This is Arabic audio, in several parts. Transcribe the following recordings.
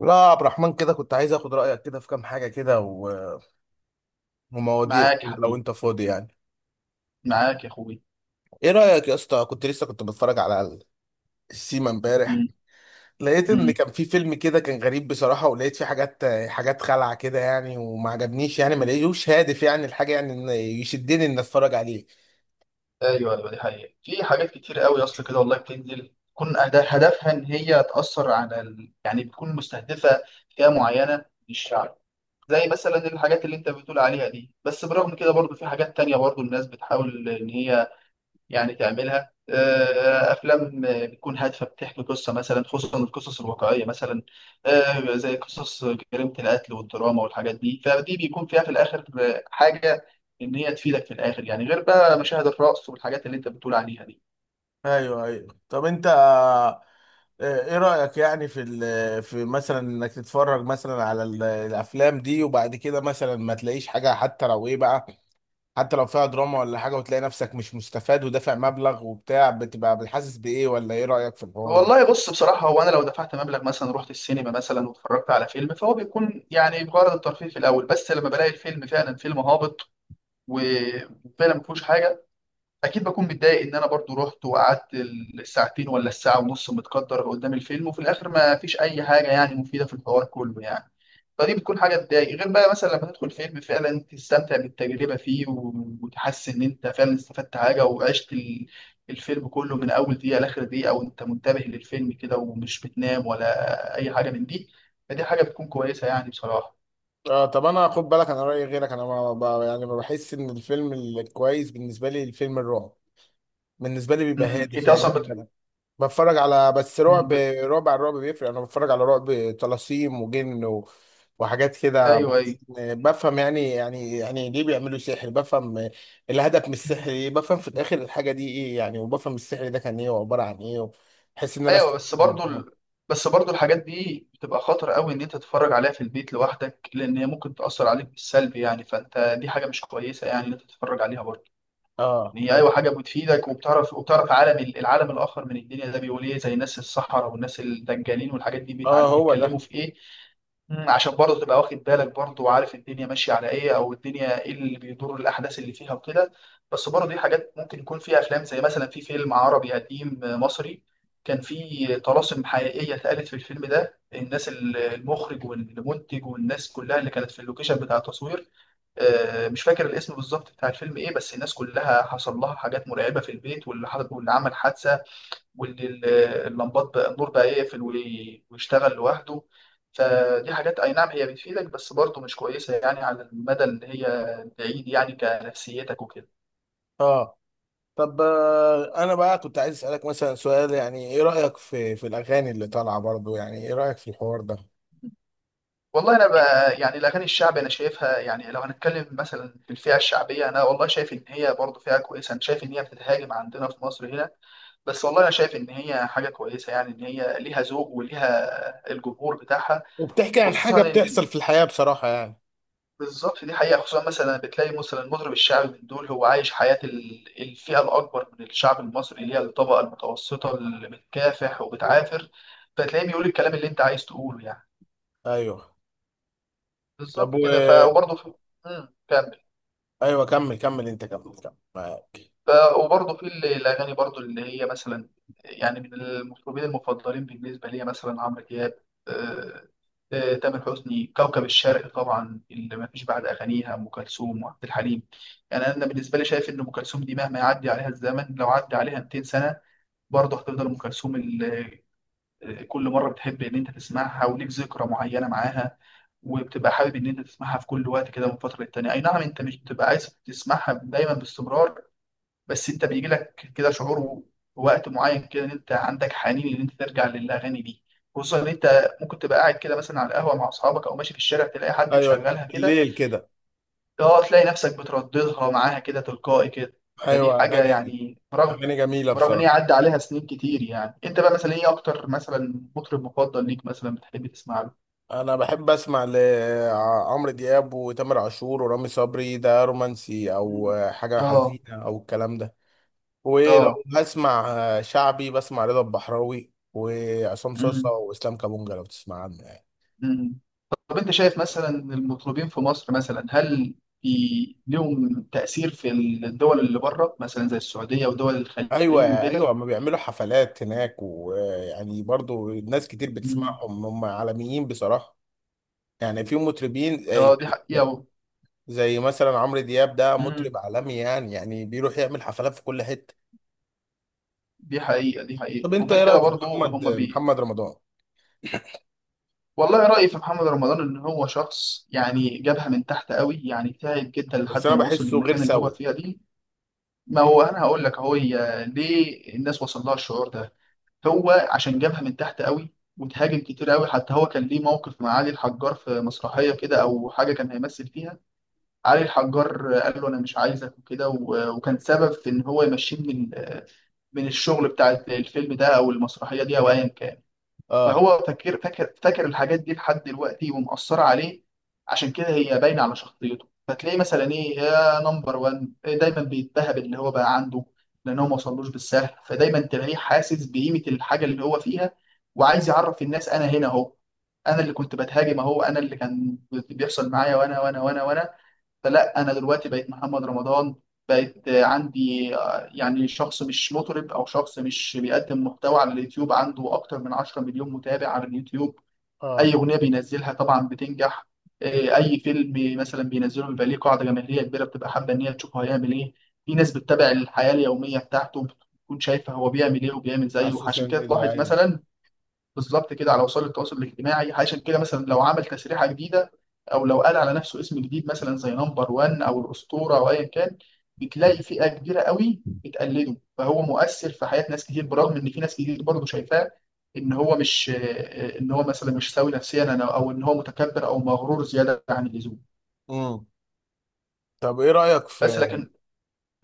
لا يا عبد الرحمن كده كنت عايز اخد رايك كده في كام حاجه كده ومواضيع معاك يا كده لو حبيبي. انت فاضي يعني. معاك يا اخوي. ايه رايك يا اسطى؟ كنت بتفرج على السيما امبارح. مم. لقيت ان مم. كان في فيلم كده كان غريب بصراحه، ولقيت فيه حاجات خلعه كده يعني، وما عجبنيش يعني، ما لقيتوش هادف يعني الحاجه، يعني إن يشدني ان اتفرج عليه. ايوه ايوه، دي حقيقة، في حاجات كتير قوي يا اسطى كده والله بتنزل تكون هدفها ان هي تأثر على يعني بتكون مستهدفة فئة معينة من الشعب، زي مثلا الحاجات اللي انت بتقول عليها دي. بس برغم كده برضو في حاجات تانية برضو الناس بتحاول ان هي يعني تعملها، افلام بتكون هادفه بتحكي قصه مثلا، خصوصا القصص الواقعيه مثلا، زي قصص جريمه القتل والدراما والحاجات دي، فدي بيكون فيها في الاخر حاجه ان هي تفيدك في الاخر، يعني غير بقى مشاهد الرقص والحاجات اللي انت بتقول عليها دي. ايوه ايوه، طب انت ايه رأيك يعني في في مثلا انك تتفرج مثلا على الافلام دي، وبعد كده مثلا ما تلاقيش حاجة، حتى لو ايه بقى، حتى لو فيها دراما ولا حاجة، وتلاقي نفسك مش مستفاد ودافع مبلغ وبتاع، بتبقى بتحسس بإيه؟ ولا إيه رأيك في الحوار ده؟ والله بص، بصراحة هو أنا لو دفعت مبلغ مثلا، رحت السينما مثلا واتفرجت على فيلم، فهو بيكون يعني بغرض الترفيه في الأول، بس لما بلاقي الفيلم فعلا فيلم هابط وفعلا ما فيهوش حاجة، اكيد بكون متضايق ان انا برضو رحت وقعدت الساعتين ولا الساعه ونص متقدر قدام الفيلم، وفي الاخر ما فيش اي حاجه يعني مفيده في الحوار كله يعني. فدي بتكون حاجه تضايق، غير بقى مثلا لما تدخل فيلم فعلا تستمتع بالتجربه فيه وتحس ان انت فعلا استفدت حاجه وعشت الفيلم كله من اول دقيقه لاخر دقيقه، وانت منتبه للفيلم كده ومش بتنام ولا اي حاجه من دي. فدي حاجه بتكون كويسه يعني بصراحه. آه طب انا خد بالك انا رايي غيرك، انا ما ب- يعني ما بحس ان الفيلم الكويس بالنسبه لي، الفيلم الرعب بالنسبه لي بيبقى هادف انت يعني اصلا بيبقى بتفرج على بس رعب بت... رعب على الرعب بيفرق. انا بتفرج على رعب طلاسيم وجن وحاجات كده، ايوه بحس ايوه بفهم يعني يعني ليه بيعملوا سحر، بفهم الهدف من السحر ايه، بفهم في الاخر الحاجه دي ايه يعني، وبفهم السحر ده كان ايه وعباره عن ايه. بحس ان انا ايوه. استفدت منهم. بس برضو الحاجات دي بتبقى خطر قوي ان انت تتفرج عليها في البيت لوحدك، لان هي ممكن تاثر عليك بالسلب يعني، فانت دي حاجه مش كويسه يعني ان انت تتفرج عليها برضو. اه يعني هي طب. ايوه حاجه بتفيدك وبتعرف، العالم الاخر من الدنيا، ده بيقول ايه زي ناس الصحراء والناس الدجالين والحاجات دي، اه بيتعلموا هو ده. بيتكلموا في ايه، عشان برضه تبقى واخد بالك برضه، وعارف الدنيا ماشيه على ايه، او الدنيا ايه اللي بيدور الاحداث اللي فيها وكده. بس برضه دي حاجات ممكن يكون فيها افلام، زي مثلا في فيلم عربي قديم مصري، كان في طلاسم حقيقيه اتقالت في الفيلم ده. الناس المخرج والمنتج والناس كلها اللي كانت في اللوكيشن بتاع التصوير، مش فاكر الاسم بالظبط بتاع الفيلم ايه، بس الناس كلها حصل لها حاجات مرعبه في البيت، واللي عمل حادثه، وان ال- اللمبات بقى، النور بقى يقفل ويشتغل لوحده. فدي حاجات اي نعم هي بتفيدك، بس برضه مش كويسه يعني على المدى اللي هي بعيد يعني، كنفسيتك وكده. اه طب آه انا بقى كنت عايز اسالك مثلا سؤال، يعني ايه رايك في في الاغاني اللي طالعه برضو؟ يعني ايه رايك في الحوار ده؟ والله انا بقى يعني الاغاني الشعبي انا شايفها يعني، لو هنتكلم مثلا في الفئه الشعبيه، انا والله شايف ان هي برضه فئه كويسه. انا شايف ان هي بتتهاجم عندنا في مصر هنا، بس والله انا شايف ان هي حاجه كويسه يعني، ان هي ليها ذوق وليها الجمهور بتاعها. وبتحكي عن حاجه خصوصا ان بتحصل في الحياه بصراحه يعني. بالظبط دي حقيقة، خصوصا مثلا بتلاقي مثلا المطرب الشعبي من دول هو عايش حياة الفئة الأكبر من الشعب المصري، اللي هي الطبقة المتوسطة اللي بتكافح وبتعافر، فتلاقيه بيقول الكلام اللي أنت عايز تقوله يعني. ايوه. طب بالظبط و. كده. ف وبرضه في... مم، كمل ايوه كمل كمل، انت كمل كمل، معاك. ف- وبرضه في الأغاني برضه اللي هي مثلا، يعني من المطربين المفضلين بالنسبة لي مثلا عمرو دياب، آه، تامر حسني. كوكب الشرق طبعا اللي ما فيش بعد أغانيها، أم كلثوم وعبد الحليم، يعني أنا بالنسبة لي شايف إن أم كلثوم دي مهما يعدي عليها الزمن، لو عدى عليها 200 سنة برضه هتفضل أم كلثوم كل مرة بتحب إن أنت تسمعها، وليك ذكرى معينة معاها، وبتبقى حابب إن أنت تسمعها في كل وقت كده من فترة للتانية. أي نعم أنت مش بتبقى عايز تسمعها دايما باستمرار، بس انت بيجي لك كده شعور وقت معين كده، ان انت عندك حنين ان انت ترجع للاغاني دي، خصوصا ان انت ممكن تبقى قاعد كده مثلا على القهوه مع اصحابك، او ماشي في الشارع تلاقي حد ايوه مشغلها كده، بالليل كده. اه تلاقي نفسك بترددها معاها كده تلقائي كده. فدي ايوه حاجه اغاني. يعني برغم، اغاني جميله برغم ان هي بصراحه. عدى عليها سنين كتير يعني. انت بقى مثلا ايه اكتر مثلا مطرب مفضل ليك مثلا بتحب تسمع له؟ انا بحب اسمع لعمرو دياب وتامر عاشور ورامي صبري، ده رومانسي مم. او حاجه اه. حزينه او الكلام ده. ولو اه. هسمع شعبي بسمع رضا البحراوي وعصام صاصا مم. واسلام كابونجا، لو تسمع عنه يعني. مم. طب انت شايف مثلا المطربين في مصر مثلا، هل لهم تأثير في الدول اللي بره مثلا زي السعودية ودول الخليج ايوه ايوه، وكده؟ ما بيعملوا حفلات هناك ويعني برضو ناس كتير مم. بتسمعهم، هم عالميين بصراحه. يعني في مطربين اه دي حقيقة زي مثلا عمرو دياب، ده مم. مطرب عالمي يعني، يعني بيروح يعمل حفلات في كل حتة. دي حقيقة دي طب حقيقة، انت وغير ايه كده رأيك في برضو محمد هم بي. محمد رمضان؟ والله رأيي في محمد رمضان ان هو شخص يعني جابها من تحت قوي، يعني تعب جدا بس لحد انا ما وصل بحسه غير للمكان اللي هو سوي. فيها دي. ما هو انا هقول لك اهو، هي ليه الناس وصل لها الشعور ده. هو عشان جابها من تحت قوي وتهاجم كتير قوي، حتى هو كان ليه موقف مع علي الحجار في مسرحية كده أو حاجة كان هيمثل فيها، علي الحجار قال له أنا مش عايزك وكده، وكان سبب في إن هو يمشيه من من الشغل بتاع الفيلم ده أو المسرحية دي أو أيا كان. اه. فهو فاكر الحاجات دي لحد دلوقتي، ومأثرة عليه، عشان كده هي باينة على شخصيته، فتلاقيه مثلا ايه يا نمبر وان دايما بيتبهب اللي هو بقى عنده، لان هو ما وصلوش بالسهل، فدايما تلاقيه حاسس بقيمة الحاجة اللي هو فيها، وعايز يعرف الناس انا هنا اهو، انا اللي كنت بتهاجم اهو، انا اللي كان بيحصل معايا، وانا وانا وانا وانا. فلا، انا دلوقتي بقيت محمد رمضان، بقيت عندي يعني شخص مش مطرب، او شخص مش بيقدم محتوى على اليوتيوب، عنده اكتر من 10 مليون متابع على اليوتيوب. اه اي اغنيه بينزلها طبعا بتنجح، اي فيلم مثلا بينزله بيبقى ليه قاعده جماهيريه كبيره، بتبقى حابه ان هي تشوفه هيعمل ايه. في ناس بتتابع الحياه اليوميه بتاعته، بتكون شايفه هو بيعمل ايه وبيعمل على زيه، عشان السوشيال كده ميديا، تلاحظ ايوه. مثلا بالظبط كده على وسائل التواصل الاجتماعي. عشان كده مثلا لو عمل تسريحه جديده، او لو قال على نفسه اسم جديد مثلا زي نمبر 1 او الاسطوره او ايا كان، بتلاقي فئه كبيره قوي بتقلده، فهو مؤثر في حياه ناس كتير، برغم ان في ناس كتير برضه شايفاه ان هو مش، ان هو مثلا مش سوي نفسيا او ان هو متكبر او مغرور زياده عن اللزوم. امم. طب ايه رأيك بس في، لكن،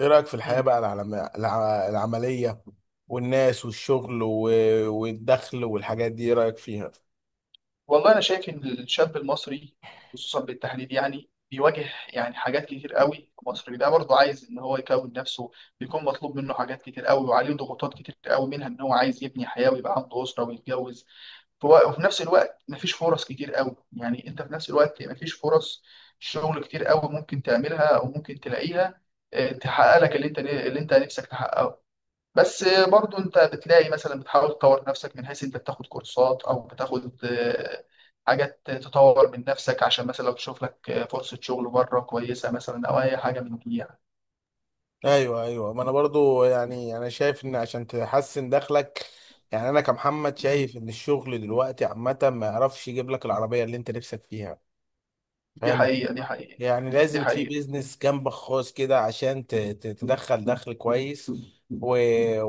ايه رأيك في الحياة بقى، العملية والناس والشغل والدخل والحاجات دي، ايه رأيك فيها؟ والله انا شايف ان الشاب المصري، خصوصا بالتحديد يعني بيواجه يعني حاجات كتير قوي. المصري ده برضه عايز ان هو يكون نفسه، بيكون مطلوب منه حاجات كتير قوي، وعليه ضغوطات كتير قوي، منها ان هو عايز يبني حياه ويبقى عنده اسره ويتجوز. وفي نفس الوقت مفيش فرص كتير قوي يعني، انت في نفس الوقت مفيش فرص شغل كتير قوي ممكن تعملها او ممكن تلاقيها، تحقق لك اللي انت نفسك تحققه. بس برضو انت بتلاقي مثلا بتحاول تطور نفسك من حيث انت بتاخد كورسات، او بتاخد حاجات تطور من نفسك، عشان مثلا لو تشوف لك فرصة شغل بره كويسة مثلا، او اي حاجة من دي يعني. ايوه ايوه، ما انا برضو يعني انا شايف ان عشان تحسن دخلك، يعني انا كمحمد مم. شايف ان الشغل دلوقتي عامه ما يعرفش يجيب لك العربيه اللي انت نفسك فيها. دي فاهم حقيقة. دي الفكرة؟ حقيقة. يعني دي لازم في حقيقة. بيزنس جنبك خاص كده عشان تدخل دخل كويس و...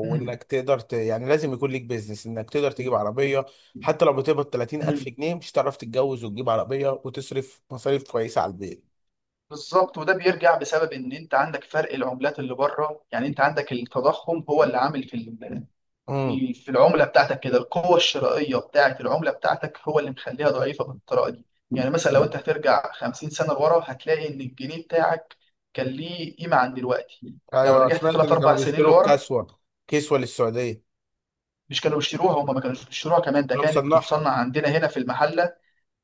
مم. تقدر يعني لازم يكون ليك بيزنس انك تقدر تجيب عربيه. حتى لو بتقبض 30000 مم. جنيه مش هتعرف تتجوز وتجيب عربيه وتصرف مصاريف كويسه على البيت. بالظبط، وده بيرجع بسبب ان انت عندك فرق العملات اللي بره، يعني انت عندك التضخم هو اللي عامل في امم. في العملة بتاعتك كده، القوة الشرائية بتاعت العملة بتاعتك هو اللي مخليها ضعيفة بالطريقة دي. يعني مثلا لو انت هترجع 50 سنة لورا، هتلاقي ان الجنيه بتاعك كان ليه قيمة عن دلوقتي. لو ايوه رجعت سمعت 3 ان كانوا 4 سنين بيشتروا لورا، الكسوه، كسوه للسعوديه. مش كانوا بيشتروها، هم ما كانوش بيشتروها كمان، ده انا كانت مصنعها. بتتصنع عندنا هنا في المحل.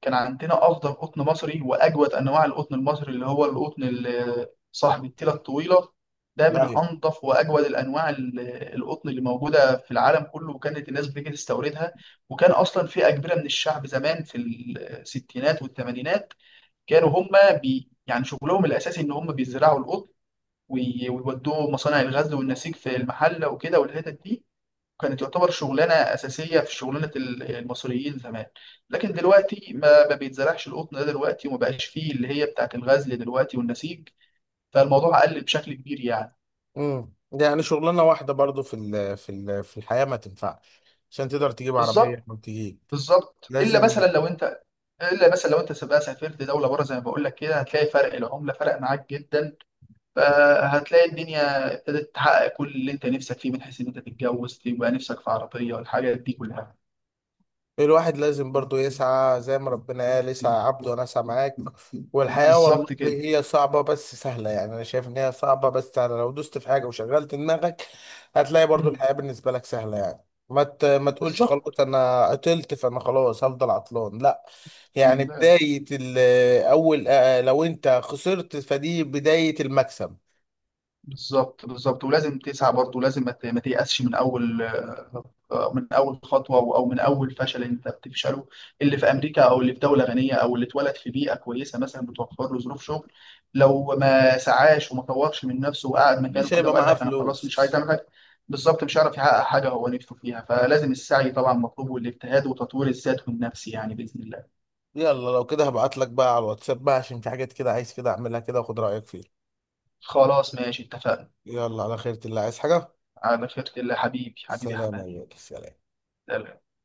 كان عندنا افضل قطن مصري، واجود انواع القطن المصري اللي هو القطن صاحب التيله الطويله. ده من ايوه. انظف واجود الانواع القطن اللي موجوده في العالم كله، وكانت الناس بتيجي تستوردها. وكان اصلا في اجبره من الشعب زمان في الستينات والثمانينات، كانوا هم بي يعني شغلهم الاساسي ان هم بيزرعوا القطن، ويودوه مصانع الغزل والنسيج في المحله وكده والحتت دي، كانت تعتبر شغلانه اساسيه في شغلانه المصريين زمان. لكن دلوقتي ما بيتزرعش القطن ده دلوقتي، وما بقاش فيه اللي هي بتاعت الغزل دلوقتي والنسيج، فالموضوع قل بشكل كبير يعني. امم، ده يعني شغلانه واحده برضو في الحياه ما تنفعش عشان تقدر تجيب عربيه بالظبط. او تجيب. بالظبط الا لازم. مثلا لو انت الا مثلا لو انت بقى سافرت دوله بره زي ما بقول لك كده، هتلاقي فرق العمله فرق معاك جدا، فهتلاقي الدنيا ابتدت تحقق كل اللي انت نفسك فيه، من حيث ان انت تتجوز تبقى نفسك في عربيه والحاجات دي كلها. الواحد لازم برضو يسعى، زي ما ربنا قال اسعى يا عبد وانا اسعى معاك. والحياة والله بالظبط كده. هي صعبة بس سهلة، يعني انا شايف ان هي صعبة بس سهلة لو دوست في حاجة وشغلت دماغك هتلاقي برضو مم. الحياة بالنسبة لك سهلة. يعني ما تقولش بالظبط خلاص انا عطلت فانا خلاص هفضل عطلان، لا. يعني اول لو انت خسرت فدي بداية المكسب. بالظبط، ولازم تسعى برضه، ولازم ما تيأسش من اول، من اول خطوه او أو من اول فشل انت بتفشله. اللي في امريكا، او اللي في دوله غنيه، او اللي اتولد في بيئه كويسه مثلا بتوفر له ظروف شغل، لو ما سعاش وما طورش من نفسه وقعد مكانه مش كده هيبقى وقال معاه لك انا خلاص مش عايز فلوس. اعمل حاجه، بالظبط مش هيعرف يحقق حاجه هو نفسه فيها. فلازم السعي طبعا مطلوب، والاجتهاد وتطوير الذات والنفس يعني، باذن الله. يلا لو كده هبعت لك بقى على الواتساب بقى، عشان في حاجات كده عايز كده اعملها كده واخد رأيك فيها. خلاص ماشي، اتفقنا. يلا على خيرة الله، عايز حاجة؟ على خيرة الله حبيبي، حبيبي سلام يا حماد. غالي. سلام.